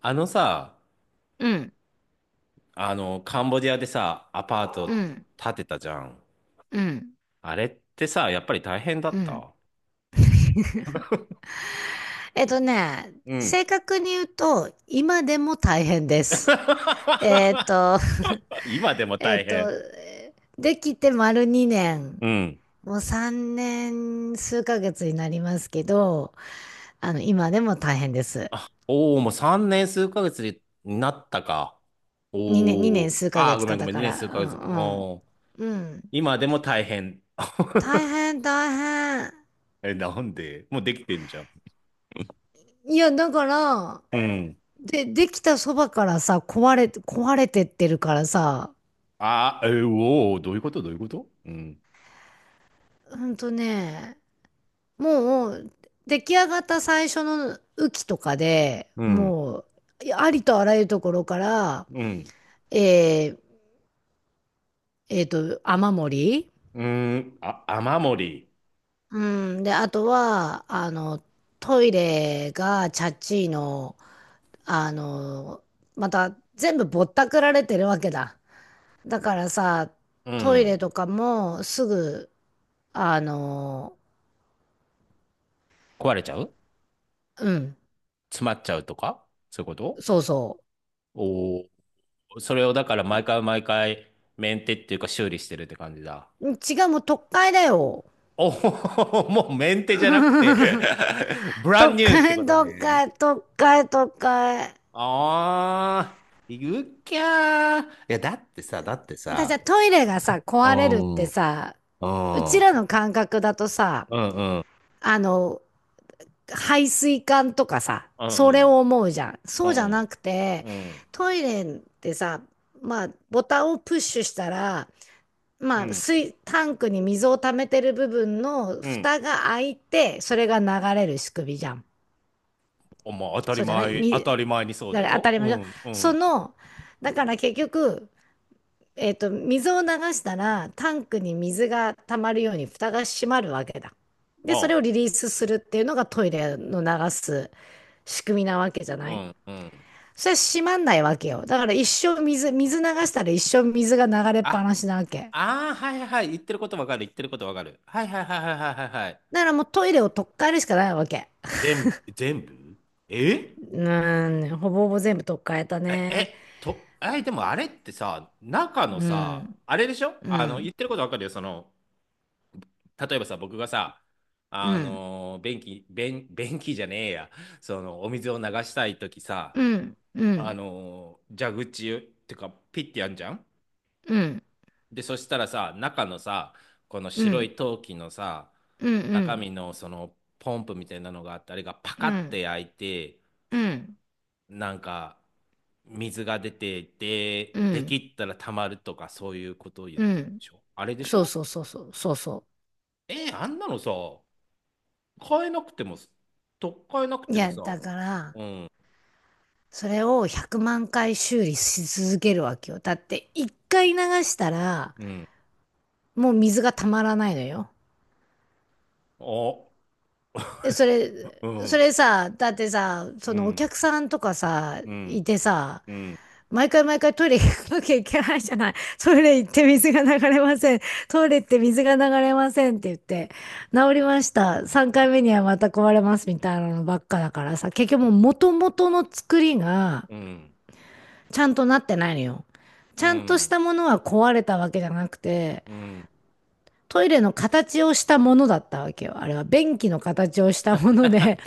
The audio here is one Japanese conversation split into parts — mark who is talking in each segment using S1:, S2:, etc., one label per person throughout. S1: あのさ、
S2: うん、
S1: カンボジアでさ、アパート
S2: うん、
S1: 建てたじゃん。
S2: うん、
S1: あれってさ、やっぱり大変だ
S2: う
S1: っ
S2: ん。
S1: た。 うん。
S2: 正確に言うと、今でも大変です。えっ と、
S1: 今 でも
S2: えっ
S1: 大
S2: と、
S1: 変。
S2: えーできて丸2年、
S1: うん。
S2: もう3年数ヶ月になりますけど、今でも大変です。
S1: おお、もう3年数ヶ月になったか。お
S2: 2年
S1: お。
S2: 数ヶ
S1: ああ、
S2: 月
S1: ごめ
S2: か
S1: んご
S2: だ
S1: めん、
S2: か
S1: 2年数
S2: ら、
S1: ヶ
S2: う
S1: 月。
S2: ん
S1: おお。
S2: うん。うん。
S1: 今でも大変。
S2: 大 変、大変。
S1: え、なんでもうできてんじゃん。
S2: いや、だから、
S1: うん。
S2: で、できたそばからさ、壊れてってるからさ、
S1: ああ、え、おお、どういうことどういうこと。うん。
S2: ほんとね、もう出来上がった最初の雨季とかで
S1: うん。
S2: もありとあらゆるところから、
S1: うん。
S2: えー、雨漏り、
S1: うーん。あ、雨漏り。
S2: うん、で、あとは、トイレがチャッチーの、あの、また全部ぼったくられてるわけだ。だからさ、
S1: う
S2: トイレ
S1: ん。
S2: とかもすぐ、あの、
S1: 壊れちゃう。
S2: うん、
S1: 詰まっちゃうとかそういうこと。
S2: そうそ
S1: おおー、それをだから毎回毎回メンテっていうか修理してるって感じだ。
S2: う。違う、もう特会だよ。
S1: おお、もうメンテじゃなくて、 ブラ
S2: 都
S1: ンニューって
S2: 会、
S1: こと
S2: 都
S1: ね。
S2: 会、都会、都会。
S1: ああ、言うきゃー。いや、だってさ、だって
S2: じゃ
S1: さ、
S2: あトイレがさ、
S1: う
S2: 壊れるっ
S1: ん、
S2: て
S1: うん、
S2: さ、う
S1: う
S2: ちら
S1: ん、
S2: の感覚だとさ、
S1: うん、うん、
S2: あの、排水管とかさ、
S1: う
S2: それ
S1: ん、
S2: を思うじゃん。
S1: う
S2: そうじゃな
S1: ん、
S2: くて、
S1: うん、
S2: トイレってさ、まあ、ボタンをプッシュしたら、
S1: う
S2: まあ、
S1: ん、
S2: 水、タンクに水を溜めてる部分の
S1: うん。
S2: 蓋が開いて、それが流れる仕組みじゃん。
S1: お、まあ当たり
S2: そうじゃない
S1: 前、当
S2: み、
S1: たり前にそう
S2: だ
S1: だ
S2: から当
S1: よ。
S2: たり
S1: う
S2: 前じゃん。
S1: ん、う
S2: そ
S1: ん、
S2: の、だから結局、水を流したら、タンクに水が溜まるように蓋が閉まるわけだ。で、それを
S1: あ、
S2: リリースするっていうのがトイレの流す仕組みなわけじゃ
S1: う
S2: ない。
S1: ん、うん。
S2: それは閉まんないわけよ。だから一生水、水流したら一生水が流れっぱ
S1: あ、
S2: なしなわけ。
S1: ああ、はいはいはい。言ってることわかる。言ってることわかる。はいはいはいはいはいはいはい。
S2: だからもうトイレを取っ換えるしかないわけ。
S1: 全部、全部。え
S2: うん、ほぼほぼ全部取っ換えた
S1: え、
S2: ね。
S1: え、と、え、でもあれってさ、中のさ、あれでしょ、
S2: う
S1: 言っ
S2: ん、
S1: てることわかるよ。その、例えばさ、僕がさ、
S2: うん、
S1: 便器、便、便器じゃねえや。その、お水を流したいときさ、
S2: うん、うん、
S1: 蛇口ってか、ピッてやんじゃん。
S2: うん、
S1: で、そしたらさ、中のさ、この
S2: うん、う
S1: 白
S2: ん、
S1: い陶器のさ、
S2: う
S1: 中
S2: ん、
S1: 身のそのポンプみたいなのがあって、あれがパ
S2: う
S1: カって
S2: ん、
S1: 開いて、
S2: うん、
S1: なんか水が出て、で、
S2: う
S1: でき
S2: ん、
S1: ったら溜まるとかそういうことを言っ
S2: う
S1: てるで
S2: ん。
S1: しょ。あれでし
S2: そう
S1: ょ。
S2: そうそうそう、そうそ
S1: えー、あんなのさ、買えなくても、とっかえなく
S2: う。い
S1: ても
S2: や、
S1: さ、
S2: だから、
S1: うん、
S2: それを100万回修理し続けるわけよ。だって、一回流したら、
S1: うん、
S2: もう水がたまらないのよ。
S1: あ、
S2: で、
S1: う
S2: そ
S1: ん、
S2: れさ、だってさ、そ
S1: う
S2: のお
S1: ん、
S2: 客さんとかさ、
S1: うん、
S2: いてさ、
S1: うん、
S2: 毎回毎回トイレ行かなきゃいけないじゃない。トイレ行って水が流れません。トイレ行って水が流れませんって言って、治りました。3回目にはまた壊れますみたいなのばっかだからさ、結局もう元々の作りが、
S1: うん、
S2: ちゃんとなってないのよ。ち
S1: う
S2: ゃんとし
S1: ん、
S2: たものは壊れたわけじゃなくて、
S1: うん。
S2: トイレの形をしたものだったわけよ。あれは便器の形をしたもので、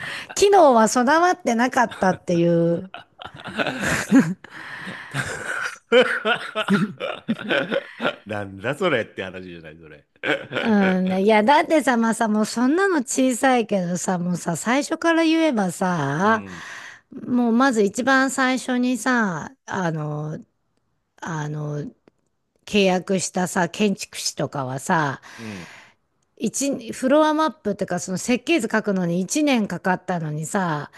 S2: 機能は備わってなかったっていう。
S1: なんだそれって話じゃない、それ。
S2: うん、ね。だってさ、まあさ、もうそんなの小さいけどさ、もうさ、最初から言えば
S1: う
S2: さ、
S1: ん、
S2: もうまず一番最初にさ、あの、契約したさ、建築士とかはさ、
S1: うん。
S2: フロアマップってか、その設計図書くのに1年かかったのにさ、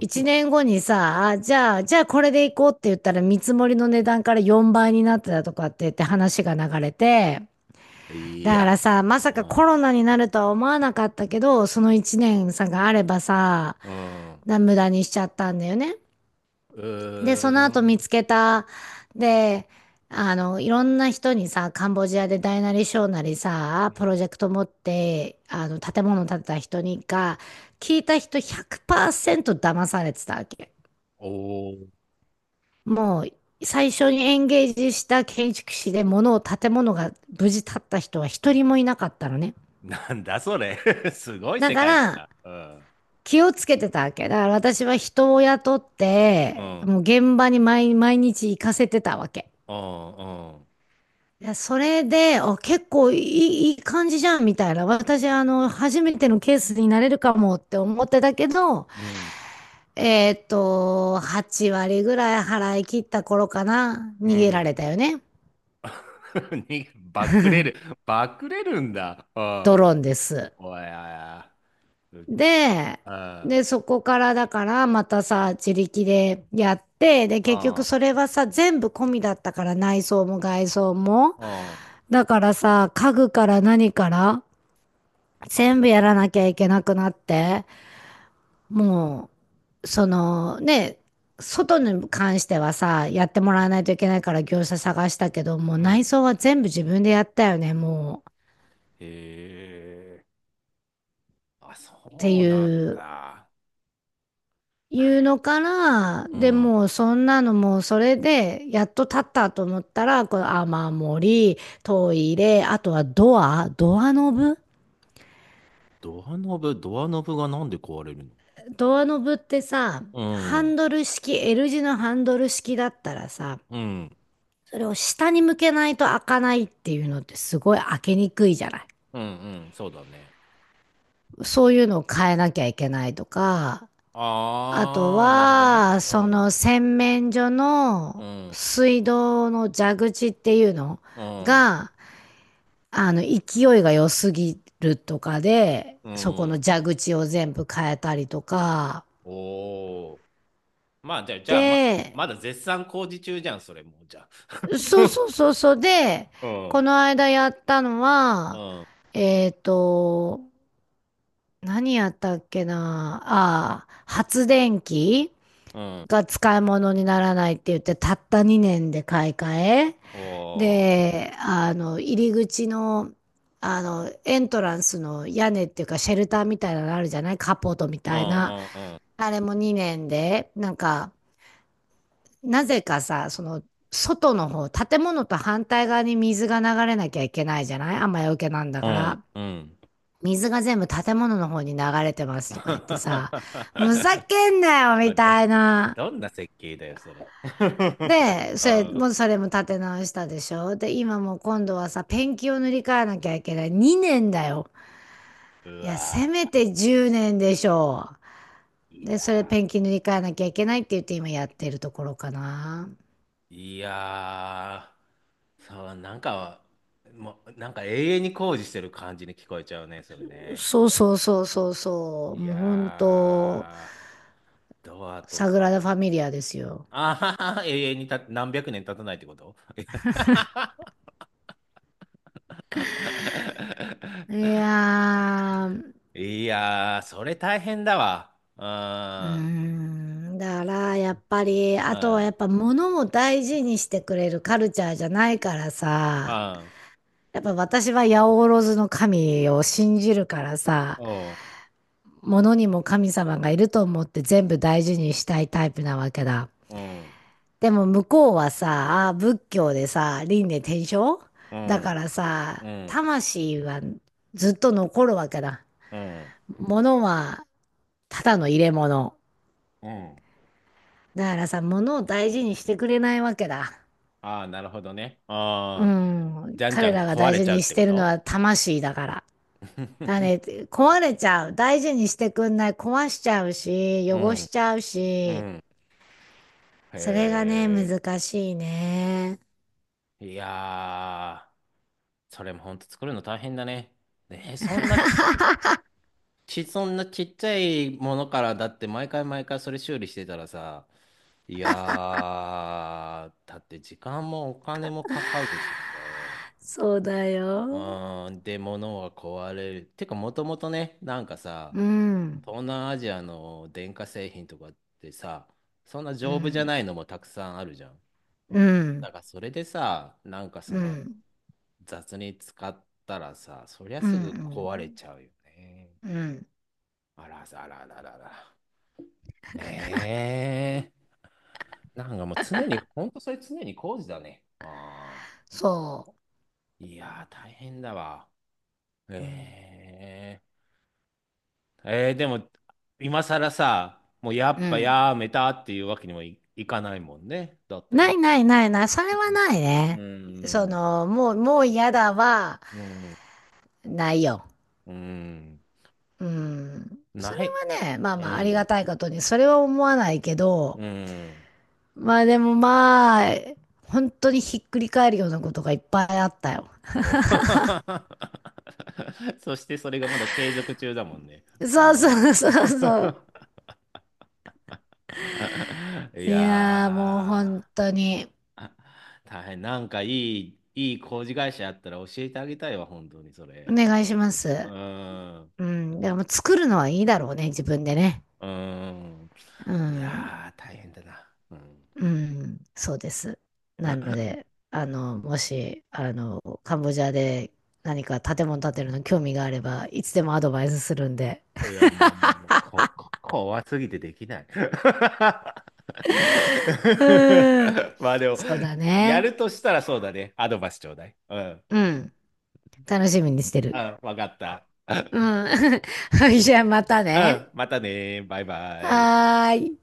S2: 1年後にさ、じゃあこれで行こうって言ったら見積もりの値段から4倍になってたとかって言って話が流れて、
S1: い
S2: だか
S1: や、
S2: らさ、まさ
S1: う
S2: かコ
S1: ん、
S2: ロナになるとは思わなかったけど、その1年さがあればさ、
S1: うん、う
S2: 無駄にしちゃったんだよね。
S1: ー
S2: で、その後見
S1: ん、
S2: つけた。で、いろんな人にさ、カンボジアで大なり小なり
S1: う
S2: さ、プ
S1: ん、
S2: ロジェクト持って、建物建てた人にが、聞いた人100%騙されてたわけ。
S1: おー、
S2: もう、最初にエンゲージした建築士で建物が無事建った人は一人もいなかったのね。
S1: なんだそれ。すごい
S2: だ
S1: 世
S2: か
S1: 界だ
S2: ら、
S1: な。う
S2: 気をつけてたわけ。だから私は人を雇っ
S1: ん、う
S2: て、
S1: ん、
S2: もう現場に毎日行かせてたわけ。
S1: うん、
S2: それで、結構いい感じじゃんみたいな。私、初めてのケースになれるかもって思ってたけど、
S1: うん、
S2: 8割ぐらい払い切った頃かな、
S1: う
S2: 逃げら
S1: ん。
S2: れたよね。
S1: に、バックレる、バックレるんだ。う
S2: ド
S1: ん、
S2: ローンです。
S1: おやや、う、う
S2: で、
S1: ん、
S2: で、そこからだから、またさ、自力でやって、で、結局それはさ、全部込みだったから、内装も外装も。
S1: うん、
S2: だからさ、家具から何から、全部やらなきゃいけなくなって。もう、そのね、外に関してはさ、やってもらわないといけないから業者探したけど、もう
S1: うん、
S2: 内装は全部自分でやったよね、もう。
S1: へえ。あ、そ
S2: って
S1: う
S2: い
S1: なん
S2: う、
S1: だ。
S2: い
S1: なん
S2: う
S1: や、
S2: のから、
S1: う
S2: で
S1: ん。
S2: もうそんなのもうそれで、やっと立ったと思ったら、この雨漏り、トイレ、あとはドア、ドアノブ。
S1: ドアノブ、ドアノブがなんで壊れるの？
S2: ドアノブってさ、
S1: う
S2: ハン
S1: ん。
S2: ドル式、L 字のハンドル式だったらさ、
S1: うん。
S2: それを下に向けないと開かないっていうのってすごい開けにくいじゃない。
S1: うん。うん。そうだね。
S2: そういうのを変えなきゃいけないとか、あと
S1: あー、なるほどね。
S2: は、
S1: う
S2: そ
S1: ん。
S2: の洗面所
S1: う
S2: の
S1: ん。
S2: 水道の蛇口っていうの
S1: うん。
S2: が、勢いが良すぎるとかで、
S1: う
S2: そこの
S1: ん。
S2: 蛇口を全部変えたりとか、
S1: おー。まあ、じゃあ、じゃあ、ま、
S2: で、
S1: まだ絶賛工事中じゃん、それもう、じゃあ。
S2: そうそ うそうそうで、
S1: う
S2: こ
S1: ん。
S2: の間やったの
S1: う
S2: は、
S1: ん。
S2: えっと、何やったっけな。ああ、発電機
S1: うん。
S2: が使い物にならないって言って、たった2年で買い替え。
S1: おー。
S2: で、入り口の、エントランスの屋根っていうか、シェルターみたいなのあるじゃない。カポートみ
S1: う
S2: たいな。
S1: ん。うん。
S2: あれも2年で、なんか、なぜかさ、その、外の方、建物と反対側に水が流れなきゃいけないじゃない、雨よけなんだ
S1: う
S2: か
S1: ん。
S2: ら。
S1: うん。うん。
S2: 水が全部建物の方に流れてますとか言ってさ、ふざ けんなよ
S1: あ、
S2: みた
S1: だ、
S2: いな。
S1: どんな設計だよ、それ。
S2: で、それ
S1: あ
S2: も、それも立て直したでしょ。で、今もう今度はさ、ペンキを塗り替えなきゃいけない。2年だよ。
S1: ーう
S2: いや、せ
S1: わ
S2: めて10年でしょ
S1: ー、
S2: う。
S1: い
S2: で、
S1: や、
S2: それペンキ塗り替えなきゃいけないって言って今やってるところかな。
S1: いやー、そう、なんか、もう、なんか永遠に工事してる感じに聞こえちゃうね、それね。
S2: そうそうそうそうそう。
S1: い
S2: もう本当、
S1: やー、ドアと
S2: サグラ
S1: か、
S2: ダ・ファミリアですよ。
S1: あははは、永遠にた、何百年経たないってこと。
S2: いやー、
S1: いやー、それ大変だわ。
S2: うーん、だからやっぱり、
S1: う
S2: あ
S1: ん、う
S2: とはやっ
S1: ん、
S2: ぱ物も大事にしてくれるカルチャーじゃないから
S1: う
S2: さ、
S1: ん、
S2: やっぱ私は八百万の神を信じるからさ、
S1: おう、
S2: 物にも神様がいると思って全部大事にしたいタイプなわけだ。
S1: うん。
S2: でも向こうはさ、あー仏教でさ、輪廻転生
S1: う
S2: だか
S1: ん、
S2: らさ、
S1: うん、
S2: 魂はずっと残るわけだ。
S1: うん、
S2: 物はただの入れ物。
S1: うん。
S2: だからさ、物を大事にしてくれないわけだ。
S1: ああ、なるほどね。
S2: う
S1: ああ、
S2: ん、
S1: じゃんじゃ
S2: 彼
S1: ん
S2: らが
S1: 壊
S2: 大
S1: れ
S2: 事
S1: ちゃうっ
S2: にし
S1: てこ
S2: てるの
S1: と。
S2: は魂だから。だね、壊れちゃう。大事にしてくんない。壊しちゃうし、
S1: う
S2: 汚し
S1: ん、
S2: ちゃう
S1: う
S2: し。
S1: ん。
S2: それがね、
S1: へ
S2: 難しいね。
S1: え、いやー、それもほんと作るの大変だね。ねえ、そんなち、ち、そんなちっちゃいものから、だって毎回毎回それ修理してたらさ、いやー、だって時間もお金もかかるしさ、
S2: そうだ
S1: う
S2: よ。
S1: ーん、で、物は壊れる。てか、もともとね、なんかさ、
S2: うん、
S1: 東南アジアの電化製品とかってさ、そんな
S2: う
S1: 丈夫じゃ
S2: ん、
S1: ないのもたくさんあるじゃん。
S2: う
S1: だ
S2: ん、
S1: からそれでさ、なんかそ
S2: う
S1: の
S2: ん、
S1: 雑に使ったらさ、そりゃ
S2: うん、う
S1: すぐ壊れ
S2: ん、
S1: ちゃうよね。
S2: うん
S1: あらあらあらあらあら。ええー、なんかもう常に、ほんとそれ常に工事だね。ああ。
S2: そ
S1: いやー、大変だわ。
S2: う。うん、
S1: えええー、でも、今更さ、もうや
S2: う
S1: っぱ
S2: ん。
S1: やめたっていうわけにもい、いかないもんね。だって
S2: ない
S1: ね。
S2: ないないない。それはない
S1: う
S2: ね。
S1: ん、
S2: もう嫌だは、
S1: うん、
S2: ないよ。
S1: うん、
S2: うん。そ
S1: ない。
S2: れはね、まあ
S1: う
S2: まあありが
S1: ん、
S2: たいことに、それは思わないけど、
S1: うん。
S2: まあでもまあ、本当にひっくり返るようなことがいっぱいあったよ。
S1: お。 そしてそれがまだ継続中だもんね。う
S2: そう
S1: ん、
S2: そうそうそう。
S1: い
S2: いやーもう本
S1: や
S2: 当に、
S1: ー、大変。なんかいい、いい工事会社あったら教えてあげたいわ、本当にそ
S2: お
S1: れ。
S2: 願いしま
S1: う
S2: す。
S1: ん。
S2: うん。でも作るのはいいだろうね、自分でね。
S1: うーん。
S2: う
S1: い
S2: ん。
S1: やー、大変だな。うん。
S2: うん。そうです。なので、もし、カンボジアで何か建物建てるの興味があれば、いつでもアドバイスするんで。
S1: いや、もう、もう、もう、こ、こ、怖すぎてできない。
S2: うん。
S1: まあでも、
S2: そうだ
S1: や
S2: ね。
S1: るとしたらそうだね。アドバイスちょうだい。うん。
S2: うん。楽しみにして
S1: う
S2: る。
S1: ん、わかった。
S2: うん。はい、じゃあまた
S1: う
S2: ね。
S1: ん、またね。バイバイ。
S2: はーい。